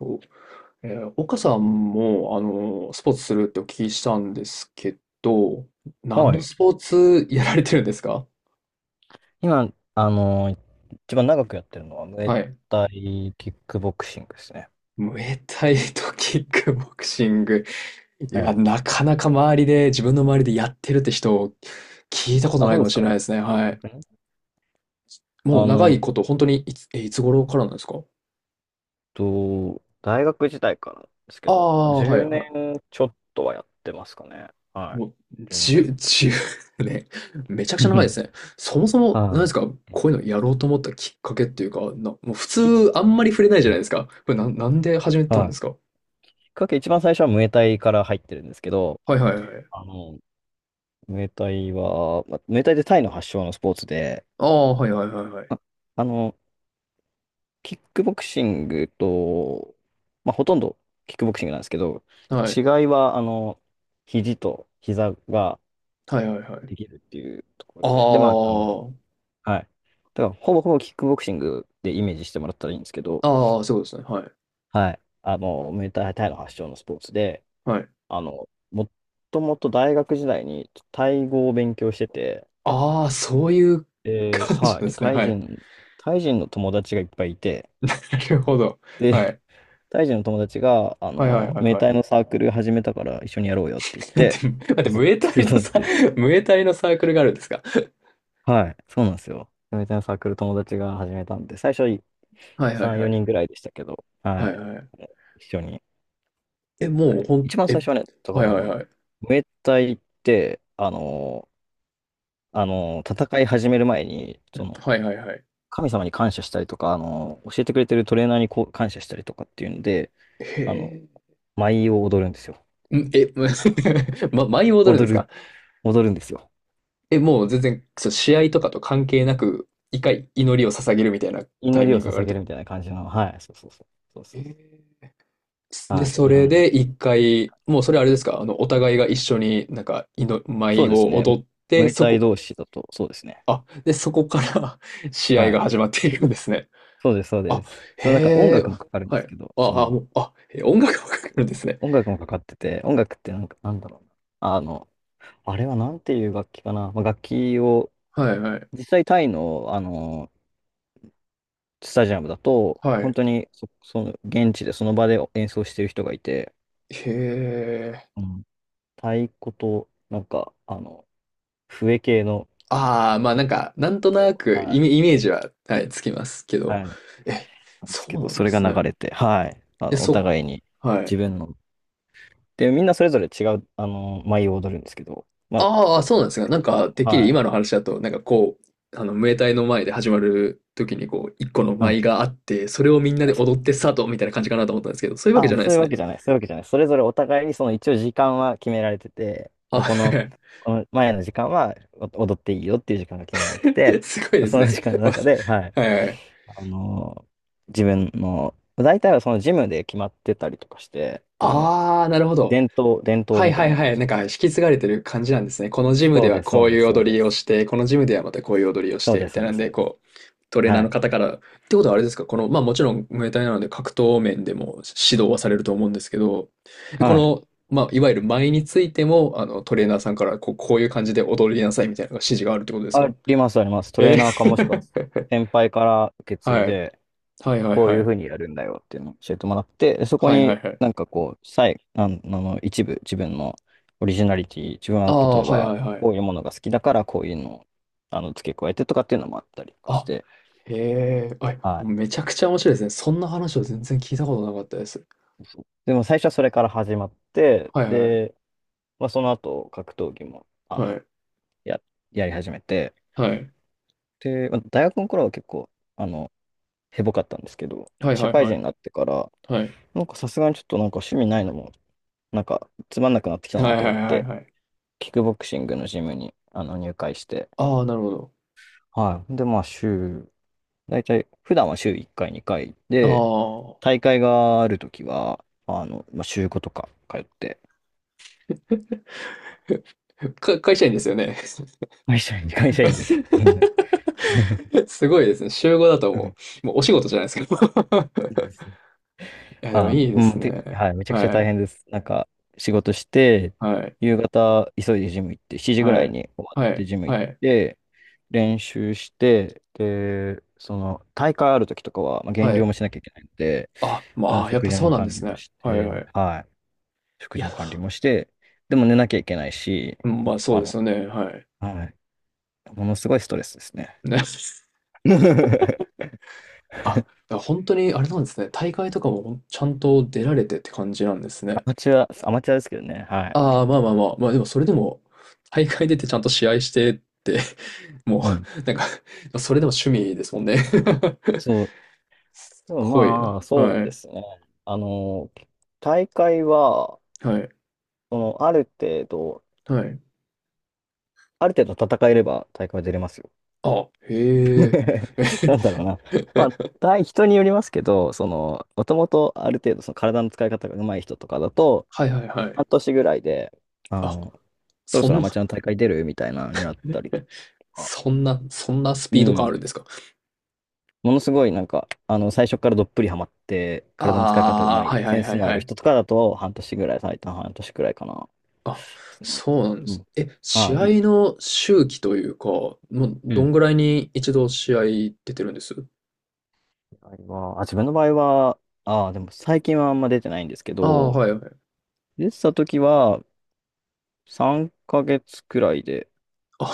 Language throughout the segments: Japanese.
お、岡さんも、あのスポーツするってお聞きしたんですけど、何はのい。スポーツやられてるんですか？今、一番長くやってるのは、ムエはい。タイキックボクシングですね。ムエタイとキックボクシング。いはや、い。なかなか周りで、自分の周りでやってるって人、聞いたことあ、ないそうかでもすしか。れない本ですね。はい。当にもうあ長いの、こと、本当にいつ頃からなんですか？大学時代からですけあど、まあ、あー、は10い、はい。年ちょっとはやってますかね。はもう、い。1年ちょっ10、と。年 ね。めちゃくうちゃ長いでん。すね。そもそも、は何ですか、い。こういうのやろうと思ったきっかけっていうか、もう普き、通あんまり触れないじうゃないんですか。これな、なんで始めたんではすか？い。きっかけ、一番最初はムエタイから入ってるんですけど、はいはいはい。あの、ムエタイは、まあ、ムエタイってタイの発祥のスポーツで、ああ、はいはいはいはい。あ、あの、キックボクシングと、まあ、ほとんどキックボクシングなんですけど、は違い。いは、肘と膝がはいはいはい。できるっていうところで、で、まあ、あはい。だから、ほぼほぼキックボクシングでイメージしてもらったらいいんですけど、あ、ああ、そういうことですね。はい。はい。ムエタイタイの発祥のスポーツで、はい。もともと大学時代にタイ語を勉強してて、ああ、そういうで、感じはい。でで、すね。はい。タイ人の友達がいっぱいいて、なるほど。はで、い。タイ人の友達が、はいはいはい明は太い。のサークル始めたから一緒にやろうよって言っ だって、て、だって、誘っムエタてくイれのたんさ、で。ムエタイのサークルがあるんですか？はい、そうなんですよ。明太のサークル友達が始めたんで、最初ははいはい3、はい。4人ぐらいでしたけど、ははいい、はいはい。一緒に。え、もうほん、一番最え、初はね、だかはいらはいはい。明太って、戦い始める前に、その、はいはいはい。神様に感謝したりとか、教えてくれてるトレーナーにこう感謝したりとかっていうんで、へあの、舞を踊るんですよ。え。んえ、ま、舞い戻るんで踊すか？る、踊るんですよ。え、もう全然、そう、試合とかと関係なく、一回祈りを捧げるみたいなタ祈イりミンをグがある捧ってげるこみたいな感じの、はい、そうそうそう。そうと。そへうそえ。う。で、はそい、いろれんな。で一回、もうそれあれですか、あの、お互いが一緒になんか、祈そ舞うですをね。踊っムて、エそタイこ、同士だと、そうですね。あ、で、そこから 試合はがい。始まっているんですね。そうです、そうであ、す。そのなんか音へえ、楽もかかるんではすい。けど、そあ、あ、もの、う、あ、え音楽わかるんですね。音楽もかかってて、音楽ってなんか、なんだろうな。あの、あれはなんていう楽器かな。まあ、楽器を、はいはい。実際タイの、スタジアムだと、は本い。当にその、現地でその場で演奏してる人がいて、へえ。うん、太鼓と、なんか、笛系の、ああ、まあなんか、なんとなくはい。イメージは、はい、つきますけはど。いなえ、んですそけど、うなんそでれがすね。流れて、はい。え、おそ、互いにはい。自分の。で、みんなそれぞれ違う、舞を踊るんですけど、まあ、ああ、そうなんですいが、くなつんかそか、の、てっきりはい。今の話だと、なんかこう、あの、ムエタイの前で始まる時に、こう、一個のうん。舞があって、それをみんなであ、そ踊ってスタートみたいな感じかなと思ったんですけど、そういうわけじゃないでそういすうわね。けじゃない、そういうわけじゃない。それぞれお互いに、その一応時間は決められてて、あ、こはの、い。 この前の時間はお踊っていいよっていう時間が決められてて、すごいですそのね。時間 の中で、はい。はいはい。あの、自分の、大体はそのジムで決まってたりとかして、ああ、なるほど。伝統はいみたはいいなは感い。じなんか引で、き継がれてる感じなんですね。このジムそでうはです、そこううでいうす、そう踊でりをす。して、このジムではまたこういう踊りをしそうて、でみす、たそいうなでんす、そで、うです。こう、トレーナはーのい。方から、ってことはあれですか、この、まあもちろんムエタイなので格闘面でも指導はされると思うんですけど、こはい。の、まあいわゆる舞についても、あの、トレーナーさんからこう、こういう感じで踊りなさいみたいな指示があるってことですあか？ります、あります。トレーえナーかもしくはー。 先輩から受け 継いはい。で、はいはいこはういうふい。うにやるんだよっていうのを教えてもらって、でそこはいはにいはい。なんかこう、あの一部、自分のオリジナリティ、自分あは例あ、えはいばはいはこい。ういうものが好きだからこういうのを付け加えてとかっていうのもあったりとかしあ、て、へえ、あ、はめちゃくちゃ面白いですね。そんな話を全然聞いたことなかったです。い。そうでも最初はそれから始まって、はいはい。で、まあ、その後格闘技もはい。や、やり始めて、で、まあ大学の頃は結構、あの、へぼかったんですけど、はい社はい会は人い。になってから、はい。なんかさすがにちょっとなんか趣味ないのも、なんかつまんなくなってきたはないとは思いっはいはいて、はい。キックボクシングのジムに入会して、ああ、なるほど。はい。で、まあ大体、普段は週1回、2回あで、大会があるときは、まあ、週5とか通って、あ。か、会社員ですよね？会社員、会社員です。すごいですね。週5だとうんもうお仕事じゃないですか。いや、でもいいでうすん、で、ね。はい、めちゃくちゃは大い。変です。なんか、仕事して、はい。夕方、急いでジム行って、7時ぐはらいい。に終わはってい。ジム行っはい。て、練習して、で、その、大会ある時とかは、まあ、減は量い。もしなきゃいけないので、あ、まあ、やっ食ぱ事そうのなんで管理すもね。しはいて、はい。はい、い食事や、の管理もして、でも寝なきゃいけないし、うん、まあそうあですの、よね。はい。はい、ものすごいストレスですね。ね。あ、だから本当にあれなんですね。大会とかもちゃんと出られてって感じなんですね。アマチュアですけどね、はい。ああ、まあまあまあ、まあでもそれでも、大会出てちゃんと試合してって もうん。う、なんか、それでも趣味ですもんね。 すそう、うんごいな。まあ、そうはでい。すね。あの、大会は、はい。その、はい。ある程度戦えれば大会は出れますよ。 あ、へえ。なんだろうな。まあ、対人によりますけど、その、もともとある程度その体の使い方が上手い人とかだと、はいはいはい。半年ぐらいで、ああ、の、そろそんそろな、アマチュアの大会出るみたいなのになったりとか、そんなスピうード感あるんん。ですか。ものすごいなんか、最初からどっぷりハマって、体の使い方がああ上手ー、はいい、はセいンはスいのあはるい。人とかだと、半年ぐらい、最短半年くらいかな。あ、ですね。そうなんでうす。ん。え、あ試あ、合の周期というか、もううどん。んぐらいに一度試合出てるんです？場合はあ、自分の場合は、ああ、でも最近はあんま出てないんですけああー、ど、はいはい。出てた時は、3ヶ月くらいであ、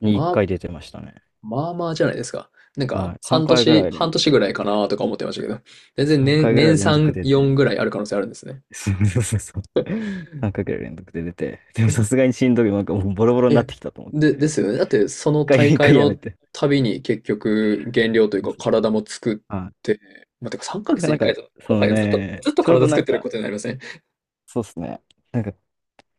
1まあ、回出てましたね。まあまあじゃないですか。なんはか、い。3回ぐらい連半年続ぐでらい出かて。なとか思ってましたけど、全然3回ぐらい年連続3、で出て。4ぐらいある可能性あるんですね。そうそうそうそう。3回ぐらい連続で出て。でもえ、さすがにしんどい。なんかもうボロボロになっえ、てきたと思っで、て。ですよね。だって、そ1の回、大一会回やめのて。たびに結局、減量というそうかそう。体も作っはて、まあ、てか3ヶい。月になん1か、なん回かだ。そもはのやね、ずっとちょう体どな作っんてるか、ことになりません、ね。そうっすね。なんか、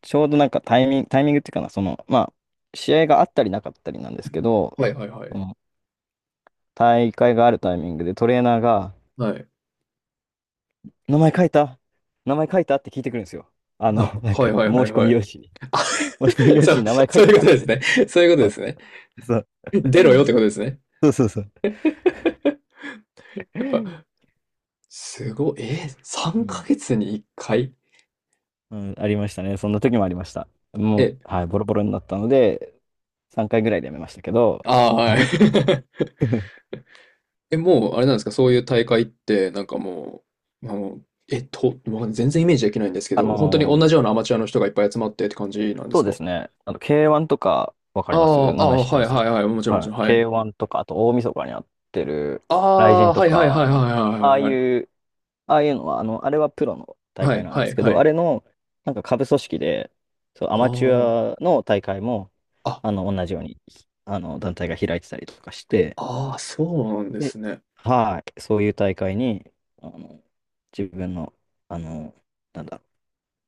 ちょうどなんかタイミングっていうかな、その、まあ、試合があったりなかったりなんですけど、はいはいはそい。の大会があるタイミングでトレーナーが、はい。名前書いた名前書いたって聞いてくるんですよ。な、なんはいか、はいは申いし込はみい。用紙に。あ、申し込み 用そ紙にう、名前書いそういたうこかとっですて。ね。そういうことそでう、すね。そう。出ろよってことですね。そうそうそう。やっぱ、うすごい。えー、3ん、ヶ月に1回。うん、ありましたね。そんな時もありました。もう、え、はい、ボロボロになったので、3回ぐらいでやめましたけど、ああ、はい。え、もう、あれなんですか、そういう大会って、なんかもう、まあの、えっと、わかん全然イメージできないんですけあど、本当のにー同じようなアマチュアの人がいっぱい集まってって感じなんでそすうでか？すね。K1 とか、わかあります、あ、あ名前あ、知ってはまいはす。いはい、もちろんもはちい。ろん、はい。K1 とか、あと大晦日にやってる、あ雷あ、神とはいはいはいか、はいはいあはあいはいい。うああいうのは、あれはプロの大は会いなんではいすけはど、あい。れの、なんか下部組織で、そう、アあマチュアの大会も、あ、あ、同じように、団体が開いてたりとかして、ああ、そうなんでで、すね。はい、そういう大会に、あの、自分の、あの、なんだろ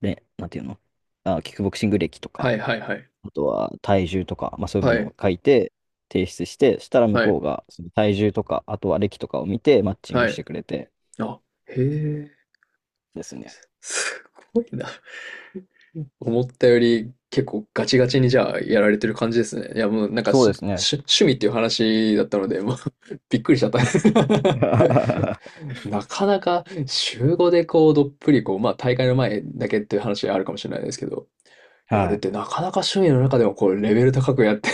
う、ね、なんていうの、あ、キックボクシング歴とはか、いはいはい。あとは体重とか、まあそういうもはのい、を書いて、提出して、したら向はこい、うが、その体重とか、あとは歴とかを見て、マッチングはしい。てくれてあ、へえ、ですね。すごいな。思ったより結構ガチガチにじゃあやられてる感じですね。いやもうなんかそうですね。し趣味っていう話だったので、もう びっくりしちゃった。なかなか週5でこうどっぷりこう、まあ大会の前だけっていう話あるかもしれないですけど、やるっはてなかなか趣味の中でもこうレベル高くやって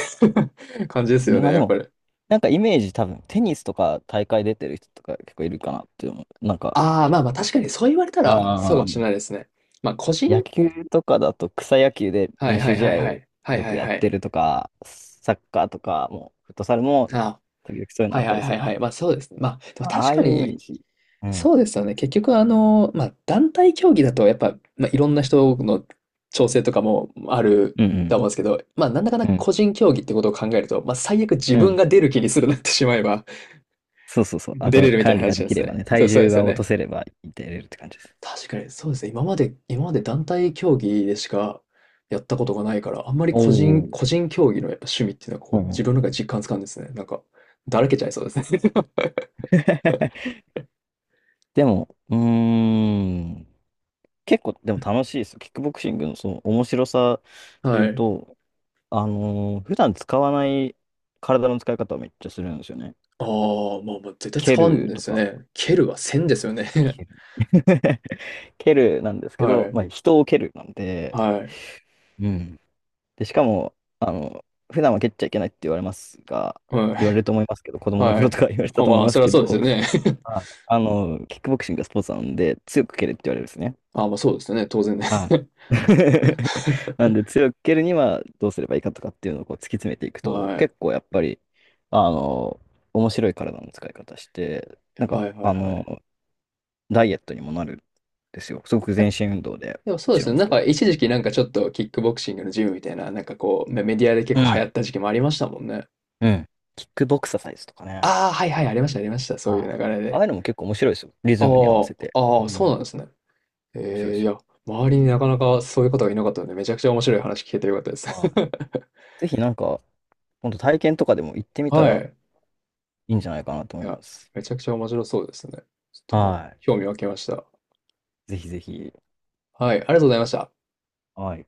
る 感じですい。よでまあね、でやっぱも、り。なんかイメージ多分、テニスとか大会出てる人とか結構いるかなって思う。なんか、ああ、まあまあ確かにそう言われたらそうあかあ、もしれないですね。まあ個人野球とかだと草野球ではい練は習い試はい合はをい。はいよはくいやっはい。てるとか、サッカーとかも、フットサルも、ああ時々そういうのあはっいたはいりすはいる。はい。まあそうですね。まあでもまああ確あいかうイメーに、ジ。うそん。うですよね。結局あの、まあ団体競技だとやっぱ、まあ、いろんな人の調整とかもあるうんうとん。思うんですけど、まあなんだかんだうん。個人競技ってことを考えると、まあ最悪自う分ん。が出る気にするなってしまえばそうそうそう。あ出れと、るみたい管な理が話でなんできすればね。ね、そう、体そうで重すよが落とね。せれば出れるって感じです。確かにそうですね。今まで団体競技でしかやったことがないから、あんまりおお。個人競技のやっぱ趣味っていうのはうこうんう自ん。 分の中で実感つかんですね。なんか、だらけちゃいそうですね。でも、うーん。結構でも楽しいですよ。キックボクシングのその面白さでは言うい。と、普段使わない体の使い方をめっちゃするんですよね。ああ、まあまあ、絶対蹴使わんるでとすよか。ね。蹴るはせんですよね。蹴る。 蹴るなんですけはど、まい。あ人を蹴るなんで、はい。うん。で、しかも、普段は蹴っちゃいけないって言われますが、は言われるい。と思いますけど、子供のは頃とい。か言われてたあ、と思いまあ、まそすれはけそど、うですよね。キックボクシングがスポーツなので、強く蹴れって言われるんですね。あ、まあ、そうですよね、当然ね。はい。なんで強く蹴るにはどうすればいいかとかっていうのをこう突き詰めていくと、はい。結構やっぱりあの面白い体の使い方して、なんかはいはいはい。ダイエットにもなるんですよ、すごくえ、全身運動で。でもそもうでちろすんね、ですなんけかど、一時期なんかちょっとキックボクシングのジムみたいな、なんかこう、メメディアで結う構流行っん、た時期もありましたもんね。うん、キックボクササイズとかね。ああ、はいはい、ありましたありました。そういうはい。流れああで。いうのも結構面白いですよ、リあズムに合わせて。あ、あうあ、そうん。なんですね。面白いええ、ですいよ。や、周りになかなかそういう方がいなかったので、めちゃくちゃ面白い話聞けてよかったです。はい。ぜひなんか本当、体験とかでも行って みたはらい。いいんじゃないかなとい思いや、ます。めちゃくちゃ面白そうですね。ちょっと、ま、は興味湧きました。い。ぜひぜひ。はい、ありがとうございました。はい。